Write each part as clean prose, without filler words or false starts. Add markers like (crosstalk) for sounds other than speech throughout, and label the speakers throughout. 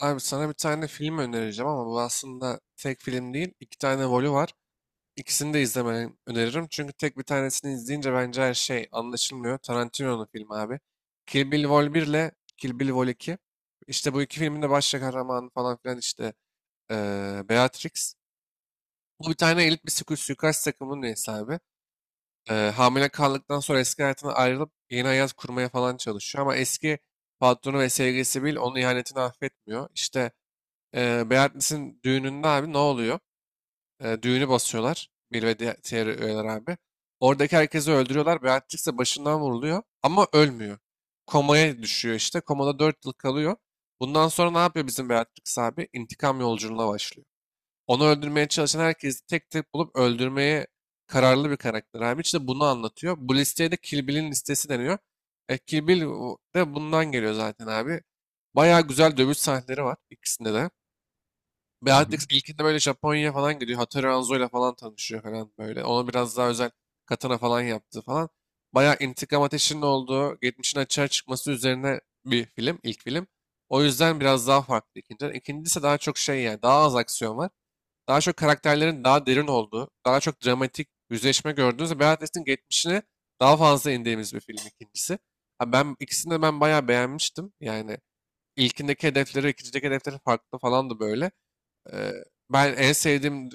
Speaker 1: Abi sana bir tane film önereceğim ama bu aslında tek film değil. İki tane volu var. İkisini de izlemeni öneririm. Çünkü tek bir tanesini izleyince bence her şey anlaşılmıyor. Tarantino'nun filmi abi. Kill Bill Vol 1 ile Kill Bill Vol 2. İşte bu iki filmin de baş kahramanı falan filan işte Beatrix. Bu bir tane elit bir suikast takımının üyesi abi. Hamile kaldıktan sonra eski hayatına ayrılıp yeni hayat kurmaya falan çalışıyor. Ama eski patronu ve sevgilisi Bill onun ihanetini affetmiyor. İşte Beyonce'nin düğününde abi ne oluyor? E, düğünü basıyorlar. Bill ve diğer üyeler abi. Oradaki herkesi öldürüyorlar. Beatrix ise başından vuruluyor. Ama ölmüyor. Komaya düşüyor işte. Komada 4 yıl kalıyor. Bundan sonra ne yapıyor bizim Beatrix abi? İntikam yolculuğuna başlıyor. Onu öldürmeye çalışan herkesi tek tek bulup öldürmeye kararlı bir karakter abi. İşte bunu anlatıyor. Bu listeye de Kill Bill'in listesi deniyor. E, Kill Bill de bundan geliyor zaten abi. Bayağı güzel dövüş sahneleri var ikisinde de.
Speaker 2: Hı hı,
Speaker 1: Beatrix ilkinde böyle Japonya'ya falan gidiyor. Hattori Hanzo'yla falan tanışıyor falan böyle. Ona biraz daha özel katana falan yaptı falan. Bayağı intikam ateşinin olduğu, geçmişin açığa çıkması üzerine bir film, ilk film. O yüzden biraz daha farklı ikinciden. İkincisi daha çok şey yani, daha az aksiyon var. Daha çok karakterlerin daha derin olduğu, daha çok dramatik yüzleşme gördüğünüz Beatrix'in geçmişine daha fazla indiğimiz bir film ikincisi. Ha ben ikisini de bayağı beğenmiştim. Yani ilkindeki hedefleri, ikincideki hedefleri farklı falandı böyle. Eee, Ben en sevdiğim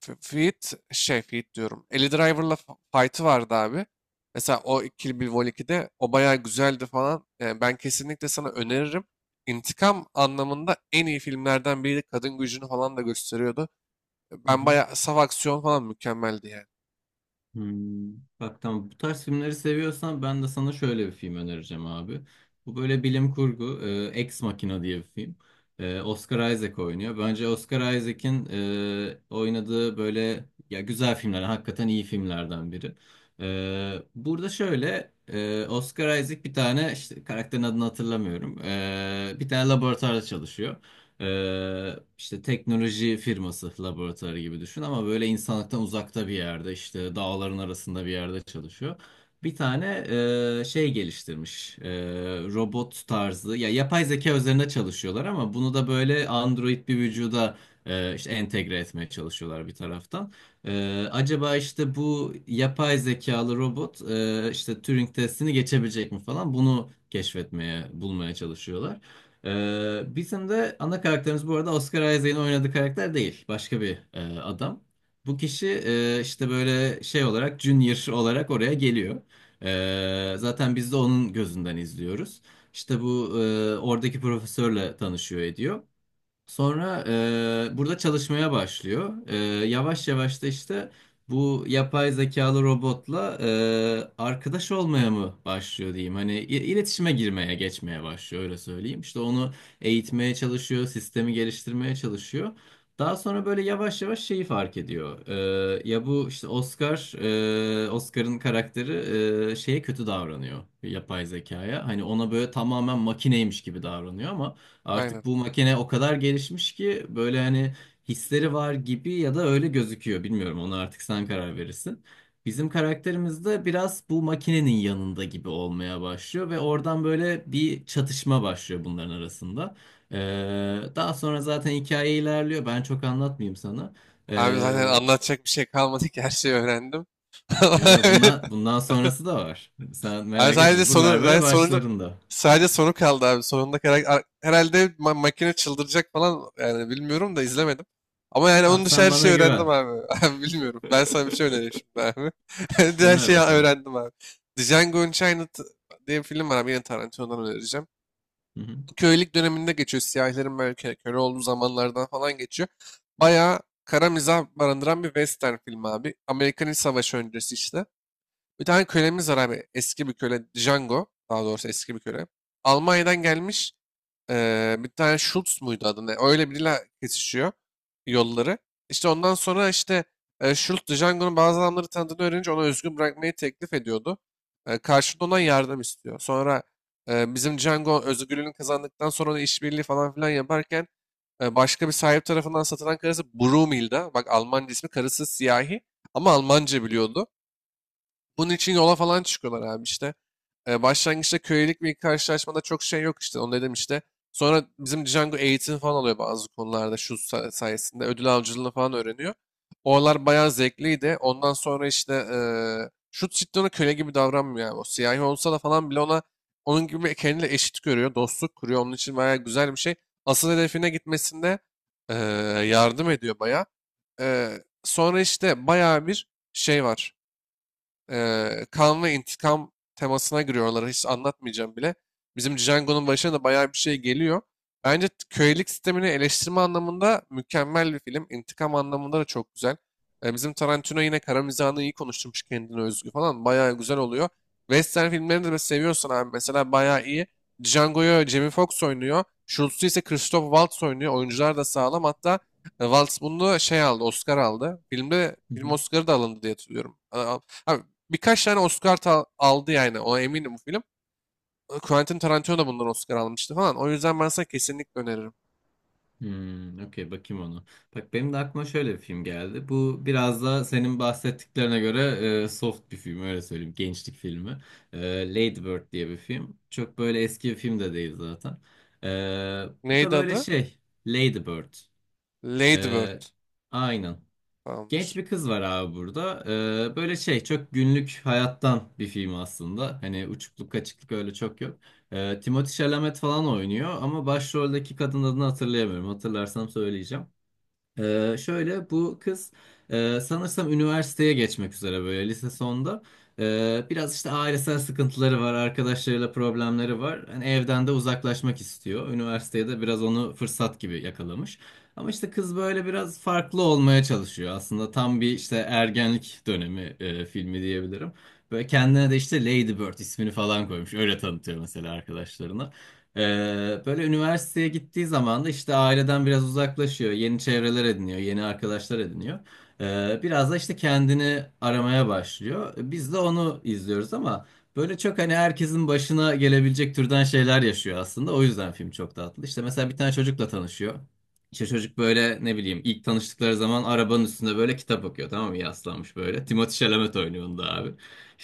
Speaker 1: Feat diyorum. Eli Driver'la fight'ı vardı abi. Mesela o Kill Bill Vol 2'de o bayağı güzeldi falan. Yani ben kesinlikle sana öneririm. İntikam anlamında en iyi filmlerden biriydi. Kadın gücünü falan da gösteriyordu.
Speaker 2: hı
Speaker 1: Ben
Speaker 2: hı.
Speaker 1: bayağı saf aksiyon falan mükemmeldi yani.
Speaker 2: Hmm. Bak, tamam, bu tarz filmleri seviyorsan ben de sana şöyle bir film önereceğim abi. Bu böyle bilim kurgu, Ex Machina diye bir film. Oscar Isaac oynuyor. Bence Oscar Isaac'in oynadığı böyle ya güzel filmler, hakikaten iyi filmlerden biri. Burada şöyle Oscar Isaac bir tane, işte karakterin adını hatırlamıyorum. Bir tane laboratuvarda çalışıyor. İşte teknoloji firması laboratuvarı gibi düşün ama böyle insanlıktan uzakta bir yerde, işte dağların arasında bir yerde çalışıyor. Bir tane şey geliştirmiş, robot tarzı ya yapay zeka üzerine çalışıyorlar ama bunu da böyle android bir vücuda işte entegre etmeye çalışıyorlar bir taraftan. Acaba işte bu yapay zekalı robot işte Turing testini geçebilecek mi falan, bunu keşfetmeye bulmaya çalışıyorlar. Bizim de ana karakterimiz bu arada Oscar Isaac'in oynadığı karakter değil. Başka bir adam. Bu kişi işte böyle şey olarak, junior olarak oraya geliyor. Zaten biz de onun gözünden izliyoruz. İşte bu oradaki profesörle tanışıyor ediyor. Sonra burada çalışmaya başlıyor. Yavaş yavaş da işte bu yapay zekalı robotla arkadaş olmaya mı başlıyor diyeyim. Hani iletişime girmeye, geçmeye başlıyor, öyle söyleyeyim. İşte onu eğitmeye çalışıyor, sistemi geliştirmeye çalışıyor. Daha sonra böyle yavaş yavaş şeyi fark ediyor. Ya bu işte Oscar'ın karakteri şeye kötü davranıyor yapay zekaya. Hani ona böyle tamamen makineymiş gibi davranıyor ama
Speaker 1: Aynen.
Speaker 2: artık bu makine o kadar gelişmiş ki böyle hani hisleri var gibi ya da öyle gözüküyor. Bilmiyorum, ona artık sen karar verirsin. Bizim karakterimiz de biraz bu makinenin yanında gibi olmaya başlıyor ve oradan böyle bir çatışma başlıyor bunların arasında. Daha sonra zaten hikaye ilerliyor. Ben çok anlatmayayım sana.
Speaker 1: Abi zaten
Speaker 2: Ee,
Speaker 1: anlatacak bir şey kalmadı ki her şeyi öğrendim.
Speaker 2: Yo,
Speaker 1: (laughs)
Speaker 2: yo, bundan sonrası da var. Sen
Speaker 1: Abi
Speaker 2: merak
Speaker 1: sadece
Speaker 2: etme. Buralar
Speaker 1: sonu,
Speaker 2: böyle
Speaker 1: sadece sonuncu,
Speaker 2: başlarında.
Speaker 1: sadece sonu kaldı abi. Sonunda herhalde makine çıldıracak falan yani bilmiyorum da izlemedim. Ama yani onun
Speaker 2: Abi
Speaker 1: dışı
Speaker 2: sen
Speaker 1: her
Speaker 2: bana
Speaker 1: şeyi öğrendim
Speaker 2: güven.
Speaker 1: abi. (laughs) Abi bilmiyorum. Ben sana bir şey önereyim
Speaker 2: (laughs)
Speaker 1: şimdi abi. (laughs) Her
Speaker 2: Öner
Speaker 1: şeyi
Speaker 2: bakalım.
Speaker 1: öğrendim abi. Django Unchained diye bir film var abi. Yine Tarantino'dan önereceğim.
Speaker 2: Hı hı.
Speaker 1: Köylük döneminde geçiyor. Siyahilerin böyle köle olduğu zamanlardan falan geçiyor. Bayağı kara mizah barındıran bir western film abi. Amerikan İç Savaşı öncesi işte. Bir tane kölemiz var abi. Eski bir köle. Django. Daha doğrusu eski bir köle. Almanya'dan gelmiş. Bir tane Schultz muydu adı ne? Öyle biriyle kesişiyor yolları. İşte ondan sonra işte Schultz Django'nun bazı adamları tanıdığını öğrenince ona özgür bırakmayı teklif ediyordu. Karşılığında ondan yardım istiyor. Sonra bizim Django özgürlüğünü kazandıktan sonra da işbirliği falan filan yaparken başka bir sahip tarafından satılan karısı Brumilda. Bak Almanca ismi karısı siyahi ama Almanca biliyordu. Bunun için yola falan çıkıyorlar abi işte. E, başlangıçta kölelik bir karşılaşmada çok şey yok işte onu dedim işte. Sonra bizim Django eğitim falan alıyor bazı konularda şu sayesinde ödül avcılığını falan öğreniyor. Oralar bayağı zevkliydi. Ondan sonra işte e, şu cidden ona köle gibi davranmıyor abi. O siyahi olsa da falan bile ona onun gibi kendine eşit görüyor. Dostluk kuruyor. Onun için bayağı güzel bir şey. Asıl hedefine gitmesinde e, yardım ediyor bayağı. E, sonra işte bayağı bir şey var. Kan ve intikam temasına giriyorlar. Hiç anlatmayacağım bile. Bizim Django'nun başına da bayağı bir şey geliyor. Bence kölelik sistemini eleştirme anlamında mükemmel bir film. İntikam anlamında da çok güzel. E, bizim Tarantino yine kara mizahını iyi konuşturmuş kendine özgü falan. Bayağı güzel oluyor. Western filmlerini de seviyorsan abi mesela bayağı iyi. Django'yu Jamie Foxx oynuyor. Schultz'u ise Christoph Waltz oynuyor. Oyuncular da sağlam. Hatta e, Waltz bunu şey aldı, Oscar aldı. Filmde
Speaker 2: Hı
Speaker 1: film
Speaker 2: hı.
Speaker 1: Oscar'ı da alındı diye hatırlıyorum. Abi birkaç tane Oscar aldı yani. Ona eminim bu film. Quentin Tarantino da bundan Oscar almıştı falan. O yüzden ben sana kesinlikle öneririm.
Speaker 2: Hmm, okey, bakayım onu. Bak benim de aklıma şöyle bir film geldi. Bu biraz da senin bahsettiklerine göre soft bir film, öyle söyleyeyim. Gençlik filmi. E, Lady Bird diye bir film. Çok böyle eski bir film de değil zaten. E, bu da
Speaker 1: Neydi
Speaker 2: böyle
Speaker 1: adı?
Speaker 2: şey, Lady Bird.
Speaker 1: Lady
Speaker 2: E,
Speaker 1: Bird
Speaker 2: aynen. Genç
Speaker 1: falandır.
Speaker 2: bir kız var abi burada. Böyle şey, çok günlük hayattan bir film aslında. Hani uçukluk kaçıklık öyle çok yok. Timothée Chalamet falan oynuyor ama başroldeki kadın adını hatırlayamıyorum. Hatırlarsam söyleyeceğim. Şöyle bu kız sanırsam üniversiteye geçmek üzere, böyle lise sonda. Biraz işte ailesel sıkıntıları var, arkadaşlarıyla problemleri var. Hani evden de uzaklaşmak istiyor. Üniversiteye de biraz onu fırsat gibi yakalamış. Ama işte kız böyle biraz farklı olmaya çalışıyor. Aslında tam bir işte ergenlik dönemi filmi diyebilirim. Böyle kendine de işte Lady Bird ismini falan koymuş. Öyle tanıtıyor mesela arkadaşlarına. Böyle üniversiteye gittiği zaman da işte aileden biraz uzaklaşıyor. Yeni çevreler ediniyor, yeni arkadaşlar ediniyor. Biraz da işte kendini aramaya başlıyor. Biz de onu izliyoruz ama böyle çok hani herkesin başına gelebilecek türden şeyler yaşıyor aslında. O yüzden film çok tatlı. İşte mesela bir tane çocukla tanışıyor. İşte çocuk böyle ne bileyim, ilk tanıştıkları zaman arabanın üstünde böyle kitap okuyor, tamam mı, yaslanmış böyle. Timothée Chalamet oynuyor onda abi.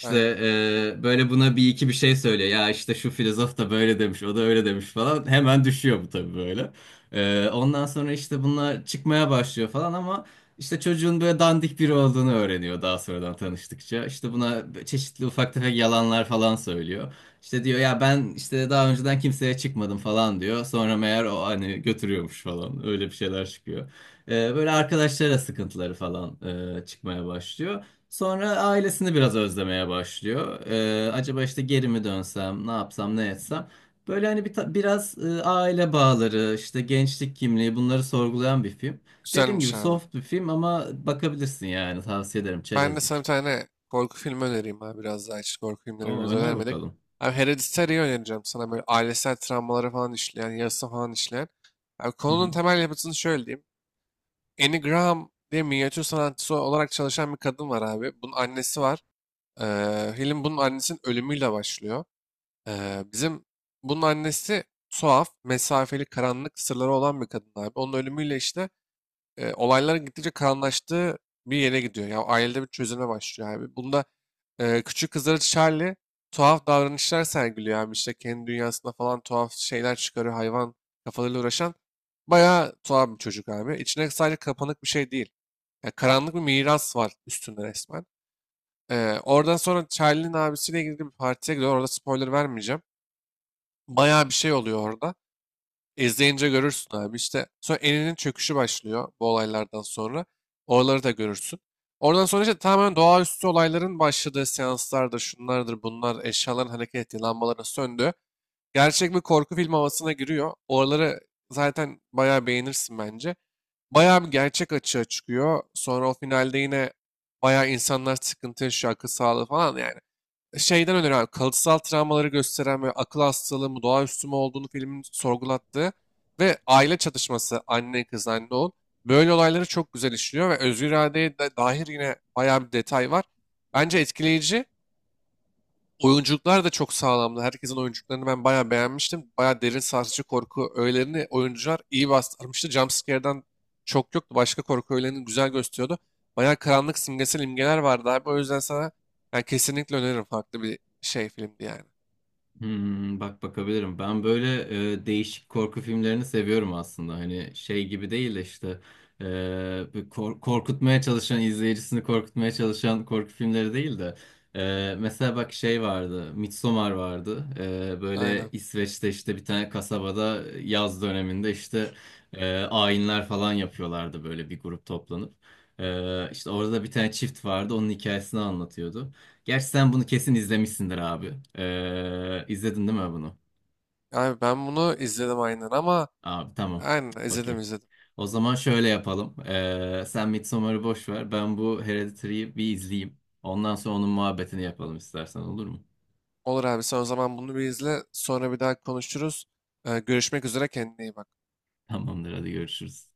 Speaker 1: Aynen.
Speaker 2: böyle buna bir iki bir şey söylüyor. Ya işte şu filozof da böyle demiş, o da öyle demiş falan. Hemen düşüyor bu tabii böyle. Ondan sonra işte bunlar çıkmaya başlıyor falan ama işte çocuğun böyle dandik biri olduğunu öğreniyor daha sonradan tanıştıkça. İşte buna çeşitli ufak tefek yalanlar falan söylüyor. İşte diyor ya ben işte daha önceden kimseye çıkmadım falan diyor. Sonra meğer o hani götürüyormuş falan. Öyle bir şeyler çıkıyor. Böyle arkadaşlara sıkıntıları falan çıkmaya başlıyor. Sonra ailesini biraz özlemeye başlıyor. Acaba işte geri mi dönsem, ne yapsam, ne etsem. Böyle hani bir biraz aile bağları, işte gençlik kimliği, bunları sorgulayan bir film. Dediğim gibi
Speaker 1: Güzelmiş abi.
Speaker 2: soft bir film ama bakabilirsin, yani tavsiye ederim,
Speaker 1: Ben de sana bir
Speaker 2: çerezlik.
Speaker 1: tane korku filmi önereyim abi. Biraz daha hiç korku filmleri
Speaker 2: O
Speaker 1: birbirimize
Speaker 2: öner
Speaker 1: önermedik.
Speaker 2: bakalım.
Speaker 1: Abi Hereditary'i önereceğim sana. Böyle ailesel travmaları falan işleyen, yarısı falan işleyen. Abi konunun temel yapısını şöyle diyeyim. Annie Graham diye minyatür sanatçısı olarak çalışan bir kadın var abi. Bunun annesi var. Film bunun annesinin ölümüyle başlıyor. Bizim bunun annesi tuhaf, mesafeli, karanlık sırları olan bir kadın abi. Onun ölümüyle işte e, olayların gittikçe karanlaştığı bir yere gidiyor. Ya ailede bir çözüme başlıyor abi. Bunda e, küçük kızları Charlie tuhaf davranışlar sergiliyor abi. İşte kendi dünyasında falan tuhaf şeyler çıkarıyor. Hayvan kafalarıyla uğraşan bayağı tuhaf bir çocuk abi. İçine sadece kapanık bir şey değil. Ya karanlık bir miras var üstünde resmen. Oradan sonra Charlie'nin abisiyle ilgili bir partiye gidiyor. Orada spoiler vermeyeceğim. Bayağı bir şey oluyor orada. İzleyince görürsün abi. İşte sonra eninin çöküşü başlıyor bu olaylardan sonra. Oraları da görürsün. Oradan sonra işte tamamen doğaüstü olayların başladığı seanslardır, şunlardır, bunlar, eşyaların hareket ettiği, lambaların söndüğü. Gerçek bir korku film havasına giriyor. Oraları zaten bayağı beğenirsin bence. Bayağı bir gerçek açığa çıkıyor. Sonra o finalde yine bayağı insanlar sıkıntı yaşıyor, akıl sağlığı falan. Yani şeyden öner abi. Kalıtsal travmaları gösteren ve akıl hastalığı mı, doğaüstü mü olduğunu filmin sorgulattığı ve aile çatışması, anne kız, anne oğul. Böyle olayları çok güzel işliyor ve özgür iradeye de dair yine bayağı bir detay var. Bence etkileyici. Oyunculuklar da çok sağlamdı. Herkesin oyunculuklarını ben bayağı beğenmiştim. Bayağı derin sarsıcı korku öğelerini oyuncular iyi bastırmıştı. Jumpscare'den çok yoktu. Başka korku öğelerini güzel gösteriyordu. Bayağı karanlık simgesel imgeler vardı abi. O yüzden sana yani kesinlikle öneririm. Farklı bir şey filmdi yani.
Speaker 2: Hmm, bak, bakabilirim. Ben böyle değişik korku filmlerini seviyorum aslında. Hani şey gibi değil de işte, e, bir korkutmaya çalışan, izleyicisini korkutmaya çalışan korku filmleri değil de, mesela bak şey vardı. Midsommar vardı. E,
Speaker 1: Aynen.
Speaker 2: böyle İsveç'te işte bir tane kasabada yaz döneminde işte ayinler falan yapıyorlardı böyle bir grup toplanıp. E, işte orada da bir tane çift vardı. Onun hikayesini anlatıyordu. Gerçi sen bunu kesin izlemişsindir abi. İzledin değil mi bunu?
Speaker 1: Abi ben bunu izledim aynen ama
Speaker 2: Abi tamam.
Speaker 1: aynen izledim
Speaker 2: Okey.
Speaker 1: izledim.
Speaker 2: O zaman şöyle yapalım. Sen Midsommar'ı boş ver. Ben bu Hereditary'yi bir izleyeyim. Ondan sonra onun muhabbetini yapalım, istersen olur mu?
Speaker 1: Olur abi sen o zaman bunu bir izle. Sonra bir daha konuşuruz. Görüşmek üzere kendine iyi bak.
Speaker 2: (laughs) Tamamdır, hadi görüşürüz.